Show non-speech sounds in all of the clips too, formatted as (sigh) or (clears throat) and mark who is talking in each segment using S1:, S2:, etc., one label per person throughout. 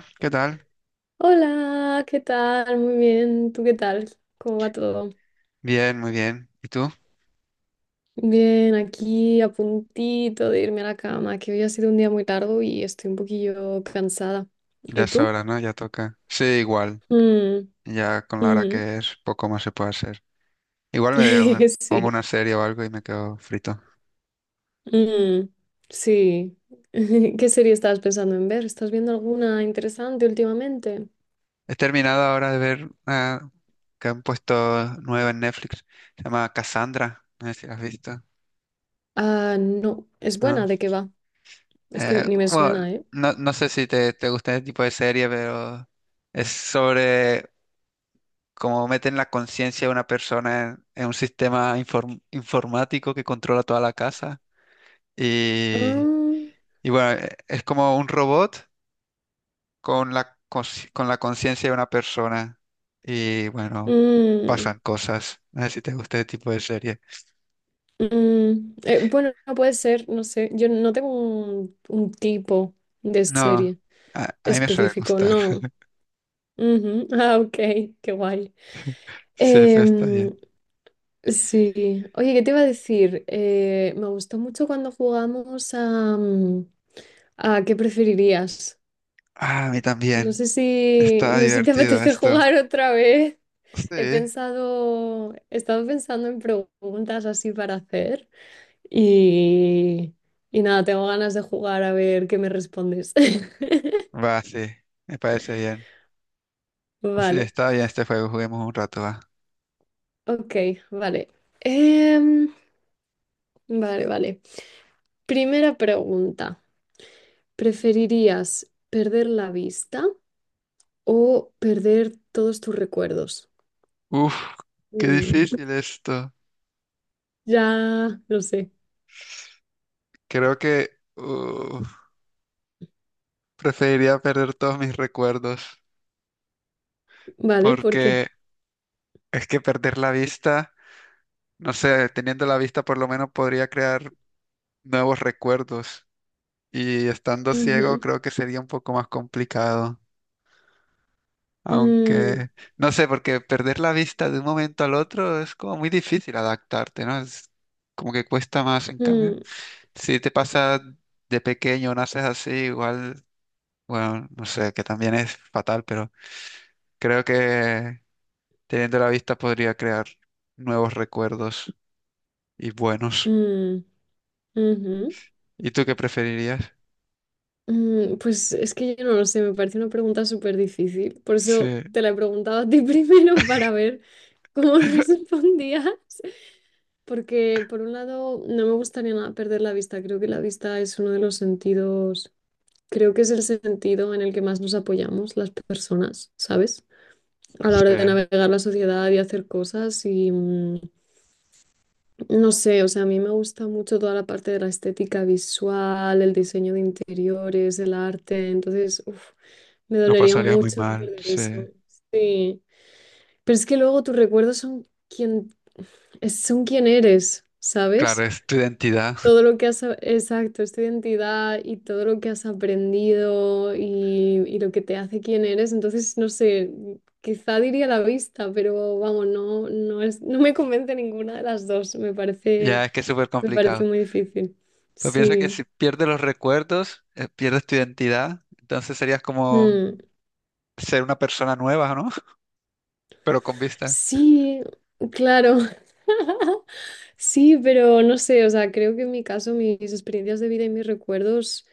S1: Hola, ¿qué tal?
S2: Hola, ¿qué tal? Muy bien, ¿tú qué tal? ¿Cómo va todo?
S1: Bien, muy bien. ¿Y tú?
S2: Bien, aquí a puntito de irme a la cama, que hoy ha sido un día muy largo y estoy un poquillo cansada.
S1: Ya
S2: ¿Y
S1: es
S2: tú?
S1: hora, ¿no? Ya toca. Sí, igual.
S2: Mm,
S1: Ya con la hora
S2: ujú.
S1: que es, poco más se puede hacer. Igual me, me
S2: (laughs)
S1: pongo
S2: Sí,
S1: una serie o algo y me quedo frito.
S2: mm, sí. (laughs) ¿Qué serie estabas pensando en ver? ¿Estás viendo alguna interesante últimamente?
S1: He terminado ahora de ver una que han puesto nueva en Netflix. Se llama Cassandra. No sé si la has visto,
S2: Ah, no, es
S1: ¿no?
S2: buena, ¿de qué va? Es que
S1: Eh,
S2: ni me
S1: bueno,
S2: suena, ¿eh?
S1: no, no sé si te gusta este tipo de serie, pero es sobre cómo meten la conciencia de una persona en un sistema informático que controla toda la casa. Y,
S2: Ah,
S1: y bueno, es como un robot con la, con la conciencia de una persona. Y bueno,
S2: mm,
S1: pasan cosas. No sé si te gusta este tipo de serie.
S2: mm, bueno, no puede ser, no sé. Yo no tengo un tipo de
S1: No,
S2: serie
S1: a mí me suele
S2: específico,
S1: gustar.
S2: no.
S1: (laughs)
S2: Ujú, (laughs) ah, ok, qué guay.
S1: Sí, pero está bien.
S2: Em, sí. Oye, ¿qué te iba a decir? Me gustó mucho cuando jugamos a ¿qué preferirías?
S1: Ah, a mí
S2: No
S1: también.
S2: sé si,
S1: Está
S2: no sé si te (laughs)
S1: divertido
S2: apetece
S1: esto.
S2: jugar otra vez.
S1: Sí,
S2: He estado pensando en preguntas así para hacer. Y, y nada, tengo ganas de jugar a ver qué me respondes. (laughs)
S1: va, sí. Me parece bien. Sí,
S2: Vale,
S1: está bien este juego. Juguemos un rato, va.
S2: ok, vale. Em, vale, vale. Primera pregunta. ¿Preferirías perder la vista o perder todos tus recuerdos?
S1: Uf, qué
S2: Mm,
S1: difícil esto.
S2: ya lo sé.
S1: Creo que uf, preferiría perder todos mis recuerdos.
S2: Vale, ¿por qué?
S1: Porque es que perder la vista, no sé, teniendo la vista por lo menos podría crear nuevos recuerdos y estando ciego
S2: Ujú.
S1: creo que sería un poco más complicado,
S2: Mm,
S1: aunque no sé, porque perder la vista de un momento al otro es como muy difícil adaptarte, ¿no? Es como que cuesta más en cambio.
S2: mm,
S1: Si te pasa de pequeño, naces así, igual, bueno, no sé, que también es fatal, pero creo que teniendo la vista podría crear nuevos recuerdos y buenos.
S2: mm, ujú.
S1: ¿Y tú qué preferirías?
S2: Pues es que yo no lo sé, me parece una pregunta súper difícil. Por
S1: Sí,
S2: eso te la he preguntado a ti (laughs) primero para ver cómo (laughs) respondías. Porque por un lado no me gustaría nada perder la vista. Creo que la vista es uno de los sentidos, creo que es el sentido en el que más nos apoyamos las personas, ¿sabes? A la hora de
S1: sí,
S2: navegar la sociedad y hacer cosas y no sé, o sea, a mí me gusta mucho toda la parte de la estética visual, el diseño de interiores, el arte, entonces, uff. Me
S1: lo
S2: dolería
S1: pasarías muy
S2: mucho
S1: mal,
S2: perder
S1: sí.
S2: eso. Sí. Pero es que luego tus recuerdos son quien, son quien eres,
S1: Claro,
S2: ¿sabes?
S1: es tu identidad.
S2: Todo
S1: (laughs)
S2: lo que has, a- Exacto, es tu identidad y todo lo que has aprendido y lo que te hace quien eres. Entonces, no sé, quizá diría la vista, pero vamos, no, no es, no me convence ninguna de las dos. Me
S1: Ya
S2: parece,
S1: es que es súper
S2: me parece
S1: complicado.
S2: muy difícil.
S1: Pues piensa que si
S2: Sí.
S1: pierdes los recuerdos, pierdes tu identidad, entonces serías como
S2: Mm.
S1: ser una persona nueva, ¿no? (laughs) Pero con vista.
S2: Sí, claro. (laughs) Sí, pero no sé, o sea, creo que en mi caso mis experiencias de vida y mis recuerdos,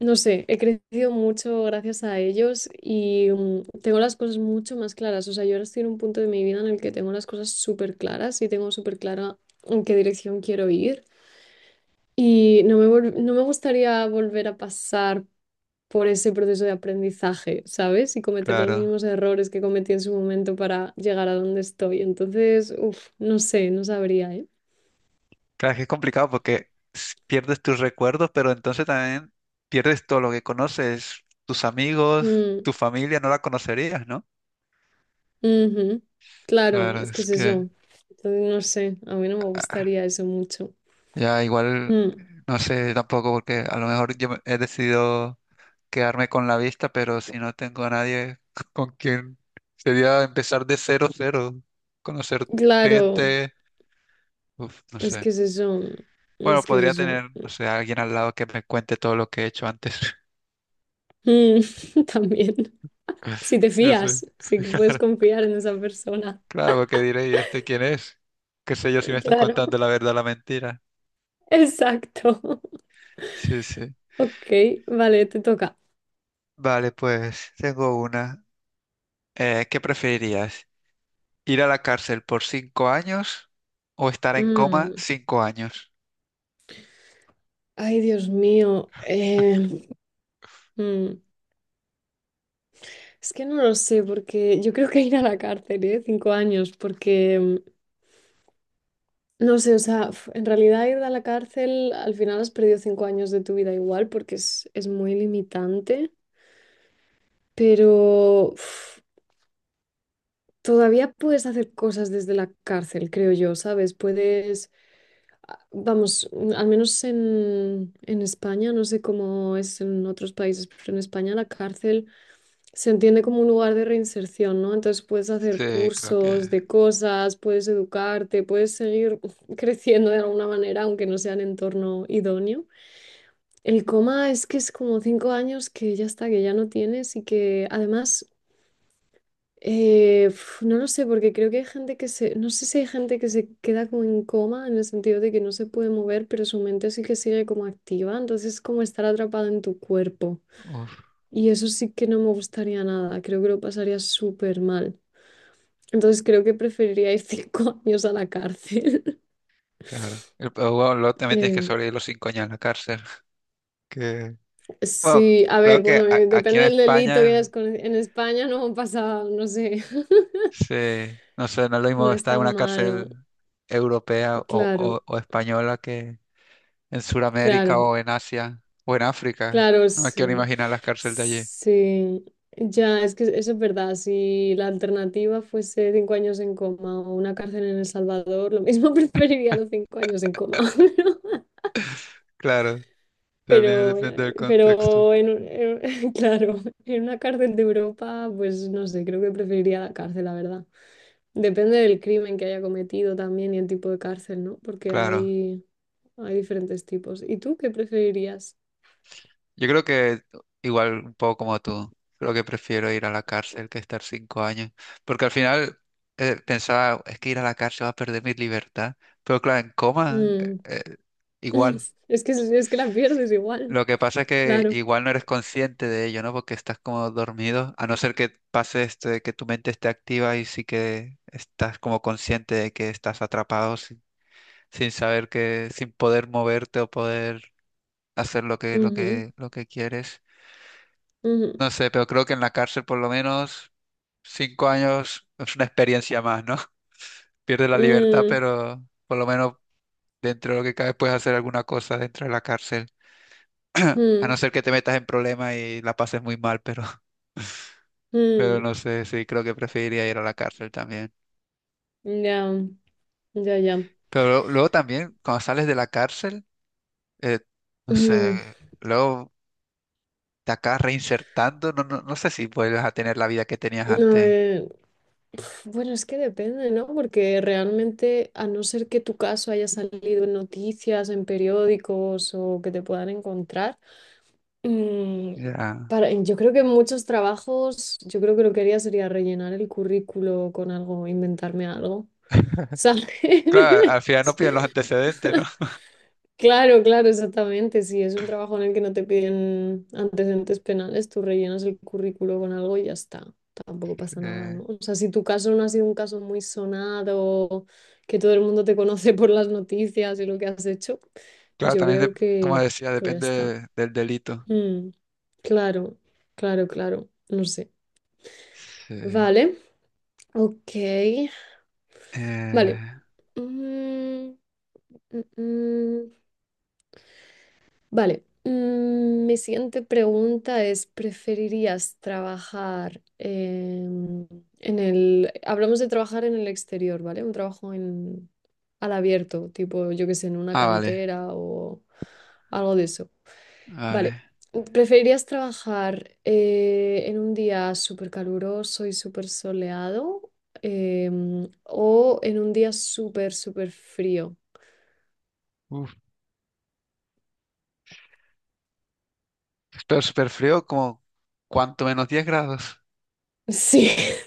S2: no sé, he crecido mucho gracias a ellos y tengo las cosas mucho más claras. O sea, yo ahora estoy en un punto de mi vida en el que tengo las cosas súper claras y tengo súper clara en qué dirección quiero ir. Y no me gustaría volver a pasar por ese proceso de aprendizaje, ¿sabes? Y cometer los
S1: Claro.
S2: mismos errores que cometí en su momento para llegar a donde estoy. Entonces, uff, no sé, no sabría, ¿eh?
S1: Claro, es que es complicado porque pierdes tus recuerdos, pero entonces también pierdes todo lo que conoces, tus amigos,
S2: Mm,
S1: tu familia, no la conocerías, ¿no?
S2: ujú. Claro,
S1: Claro,
S2: es que
S1: es
S2: es
S1: que
S2: eso. Entonces, no sé, a mí no me gustaría eso mucho.
S1: ya igual,
S2: Mm,
S1: no sé tampoco, porque a lo mejor yo he decidido quedarme con la vista, pero si no tengo a nadie (laughs) con quien, sería empezar de cero, cero, conocer
S2: claro,
S1: gente, uf, no
S2: es
S1: sé.
S2: que es eso.
S1: Bueno,
S2: Es que es
S1: podría
S2: eso.
S1: tener, no sé, a alguien al lado que me cuente todo lo que he hecho antes.
S2: Mm, (laughs) también. Si
S1: (laughs)
S2: te
S1: No sé.
S2: fías, si puedes confiar en esa persona.
S1: Claro, porque diré, ¿y este quién es? ¿Qué sé yo si me está
S2: Claro,
S1: contando la verdad o la mentira?
S2: (laughs) exacto. (laughs)
S1: Sí, sí.
S2: Ok, vale, te toca.
S1: Vale, pues tengo una. ¿Qué preferirías? ¿Ir a la cárcel por 5 años o estar en coma
S2: Mm,
S1: 5 años?
S2: Ay, Dios mío. Mm, es que no lo sé, porque yo creo que (laughs) ir a la cárcel, ¿eh? 5 años, porque no sé, o sea, en realidad ir a la cárcel, al final has perdido 5 años de tu vida igual, porque es muy limitante, pero uf, todavía puedes hacer cosas desde la cárcel, creo yo, ¿sabes? Puedes, vamos, al menos en España, no sé cómo es en otros países, pero en España la cárcel, se entiende como un lugar de reinserción, ¿no? Entonces puedes hacer
S1: Sí, creo que...
S2: cursos de cosas, puedes educarte, puedes seguir (laughs) creciendo de alguna manera, aunque no sea en entorno idóneo. El coma es que es como 5 años que ya está, que ya no tienes y que además, uf, no lo sé, porque creo que hay gente que se, no sé si hay gente que se queda como en coma en el sentido de que no se puede mover, pero su mente sí que sigue como activa, entonces es como estar atrapada en tu cuerpo.
S1: Uf,
S2: Y eso sí que no me gustaría nada, creo que lo pasaría súper mal. Entonces creo que preferiría ir cinco (laughs) años a la cárcel. (laughs)
S1: claro. Pero bueno, luego también tienes que
S2: Eh,
S1: sobrevivir los 5 años en la cárcel. Que... Bueno,
S2: sí, a
S1: creo
S2: ver,
S1: que
S2: bueno,
S1: aquí
S2: depende
S1: en
S2: del delito que
S1: España,
S2: hayas con... En España no pasa, no sé,
S1: sí, no sé, no es lo
S2: (laughs) no
S1: mismo
S2: es
S1: estar en
S2: tan
S1: una
S2: malo.
S1: cárcel europea o,
S2: Claro,
S1: o española que en Sudamérica
S2: claro,
S1: o en Asia o en África.
S2: claro,
S1: No me quiero ni
S2: sí.
S1: imaginar las cárceles de allí.
S2: Sí, ya, es que eso es verdad. Si la alternativa fuese 5 años en coma o una cárcel en El Salvador, lo mismo (laughs) preferiría los 5 años en coma. (laughs)
S1: Claro, también
S2: Pero,
S1: depende del
S2: eh,
S1: contexto.
S2: pero (laughs) claro, en una cárcel de Europa, pues no sé, creo que preferiría la cárcel, la verdad. Depende del crimen que haya cometido también y el tipo de cárcel, ¿no? Porque
S1: Claro.
S2: hay diferentes tipos. ¿Y tú qué preferirías?
S1: Yo creo que igual un poco como tú, creo que prefiero ir a la cárcel que estar 5 años, porque al final pensaba, es que ir a la cárcel va a perder mi libertad, pero claro, en coma
S2: Mm,
S1: igual.
S2: (laughs) Es que la pierdes igual,
S1: Lo que pasa es que
S2: claro.
S1: igual no eres consciente de ello, ¿no? Porque estás como dormido, a no ser que pase este, que tu mente esté activa y sí que estás como consciente de que estás atrapado sin, sin saber que, sin poder moverte o poder hacer lo que, lo
S2: Ujú,
S1: que, lo que quieres.
S2: ujú,
S1: No sé, pero creo que en la cárcel por lo menos 5 años es una experiencia más, ¿no? (laughs) Pierdes la libertad, pero por lo menos dentro de lo que cabe puedes hacer alguna cosa dentro de la cárcel.
S2: mm,
S1: (clears throat) A no
S2: mm,
S1: ser que te metas en problemas y la pases muy mal, pero, (laughs) pero
S2: mm,
S1: no sé, sí, creo que preferiría ir a la cárcel también.
S2: ya, ya, ya.
S1: Pero luego también, cuando sales de la cárcel, eh, no
S2: Mm,
S1: sé, luego te acabas reinsertando, no, no, no sé si vuelves a tener la vida que tenías
S2: a
S1: antes.
S2: ver, bueno, es que depende, ¿no? Porque realmente, a no ser que tu caso haya salido en noticias, en periódicos o que te puedan encontrar, mm,
S1: Ya.
S2: yo creo que en muchos trabajos, yo creo que lo que haría sería rellenar el currículo con algo, inventarme algo, ¿sabes?
S1: Claro, al final no
S2: (laughs)
S1: piden los antecedentes, ¿no?
S2: Claro, claro, exactamente. Si es un trabajo en el que no te piden antecedentes penales, tú rellenas el currículo con algo y ya está. Tampoco pasa
S1: (laughs)
S2: nada,
S1: Eh,
S2: ¿no? O sea, si tu caso no ha sido un caso muy sonado, que todo el mundo te conoce por las noticias y lo que has hecho,
S1: claro,
S2: yo
S1: también,
S2: creo
S1: como
S2: que
S1: decía,
S2: pues ya está.
S1: depende del delito.
S2: Mm, claro, claro, claro. No sé.
S1: Sí.
S2: Vale, ok. Vale.
S1: Eh,
S2: Mm, mm, mm. Vale, mi siguiente pregunta es, ¿preferirías trabajar en el... Hablamos de trabajar en el exterior, ¿vale? Un trabajo al abierto, tipo, yo qué sé, en una
S1: ah, vale,
S2: cantera o algo de eso. Vale,
S1: vale.
S2: ¿preferirías trabajar en un día súper caluroso y súper soleado o en un día súper, súper frío?
S1: Uf, pero súper frío, como cuanto menos 10 grados.
S2: (laughs) Sí.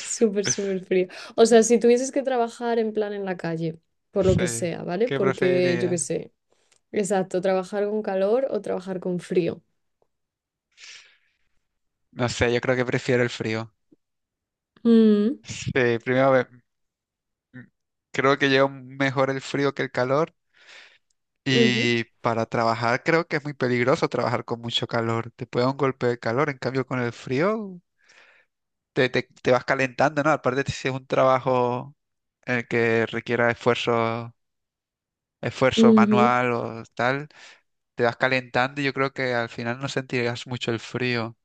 S2: Súper, súper frío. O sea, si tuvieses que trabajar en plan en la calle, por lo que
S1: Sí.
S2: sea, ¿vale?
S1: ¿Qué
S2: Porque yo qué
S1: preferiría?
S2: sé. Exacto, trabajar con calor o trabajar con frío.
S1: No sé, yo creo que prefiero el frío.
S2: Mm,
S1: Sí, primero ve- m- creo que llevo mejor el frío que el calor.
S2: ujú,
S1: Y para trabajar creo que es muy peligroso trabajar con mucho calor. Te puede dar un golpe de calor, en cambio con el frío te, te vas calentando, ¿no? Aparte si es un trabajo que requiera esfuerzo, esfuerzo
S2: ujú.
S1: manual o tal, te vas calentando y yo creo que al final no sentirás mucho el frío,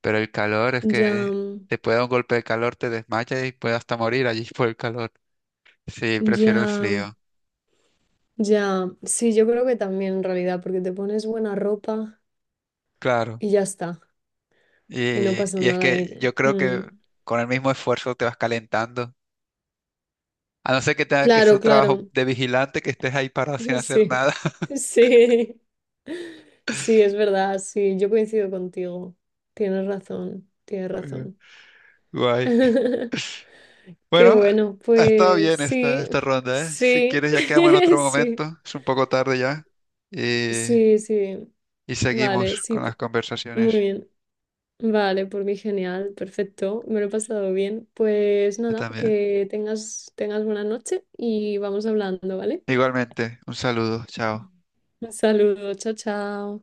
S1: pero el calor es
S2: Ya,
S1: que te puede dar un golpe de calor, te desmayas y puedes hasta morir allí (laughs) por el calor. Sí,
S2: ya,
S1: prefiero el frío,
S2: ya. Sí, yo creo que también en realidad, porque te pones buena ropa
S1: claro.
S2: y ya está. Y no pasa
S1: Y es
S2: nada.
S1: que yo creo que
S2: Mm.
S1: con el mismo esfuerzo te vas calentando. A no ser que tenga que es un
S2: Claro,
S1: trabajo
S2: claro.
S1: de vigilante, que estés ahí parado sin
S2: (laughs)
S1: hacer
S2: Sí,
S1: nada. (laughs)
S2: sí, sí, es verdad, sí, yo coincido contigo. Tienes razón, tienes
S1: Bueno,
S2: razón.
S1: guay.
S2: (laughs) Qué
S1: Bueno,
S2: bueno,
S1: ha estado
S2: pues
S1: bien esta,
S2: sí,
S1: esta ronda, ¿eh? Si
S2: sí,
S1: quieres ya quedamos en
S2: (laughs)
S1: otro
S2: sí,
S1: momento, es un poco tarde ya. Y,
S2: sí, sí.
S1: y
S2: Vale,
S1: seguimos
S2: sí,
S1: con las
S2: muy
S1: conversaciones
S2: bien. Vale, por mí genial, perfecto, me lo he pasado bien. Pues
S1: yo
S2: nada,
S1: también.
S2: que tengas buena noche y vamos hablando, ¿vale?
S1: Igualmente, un saludo, chao.
S2: Un saludo, chao, chao.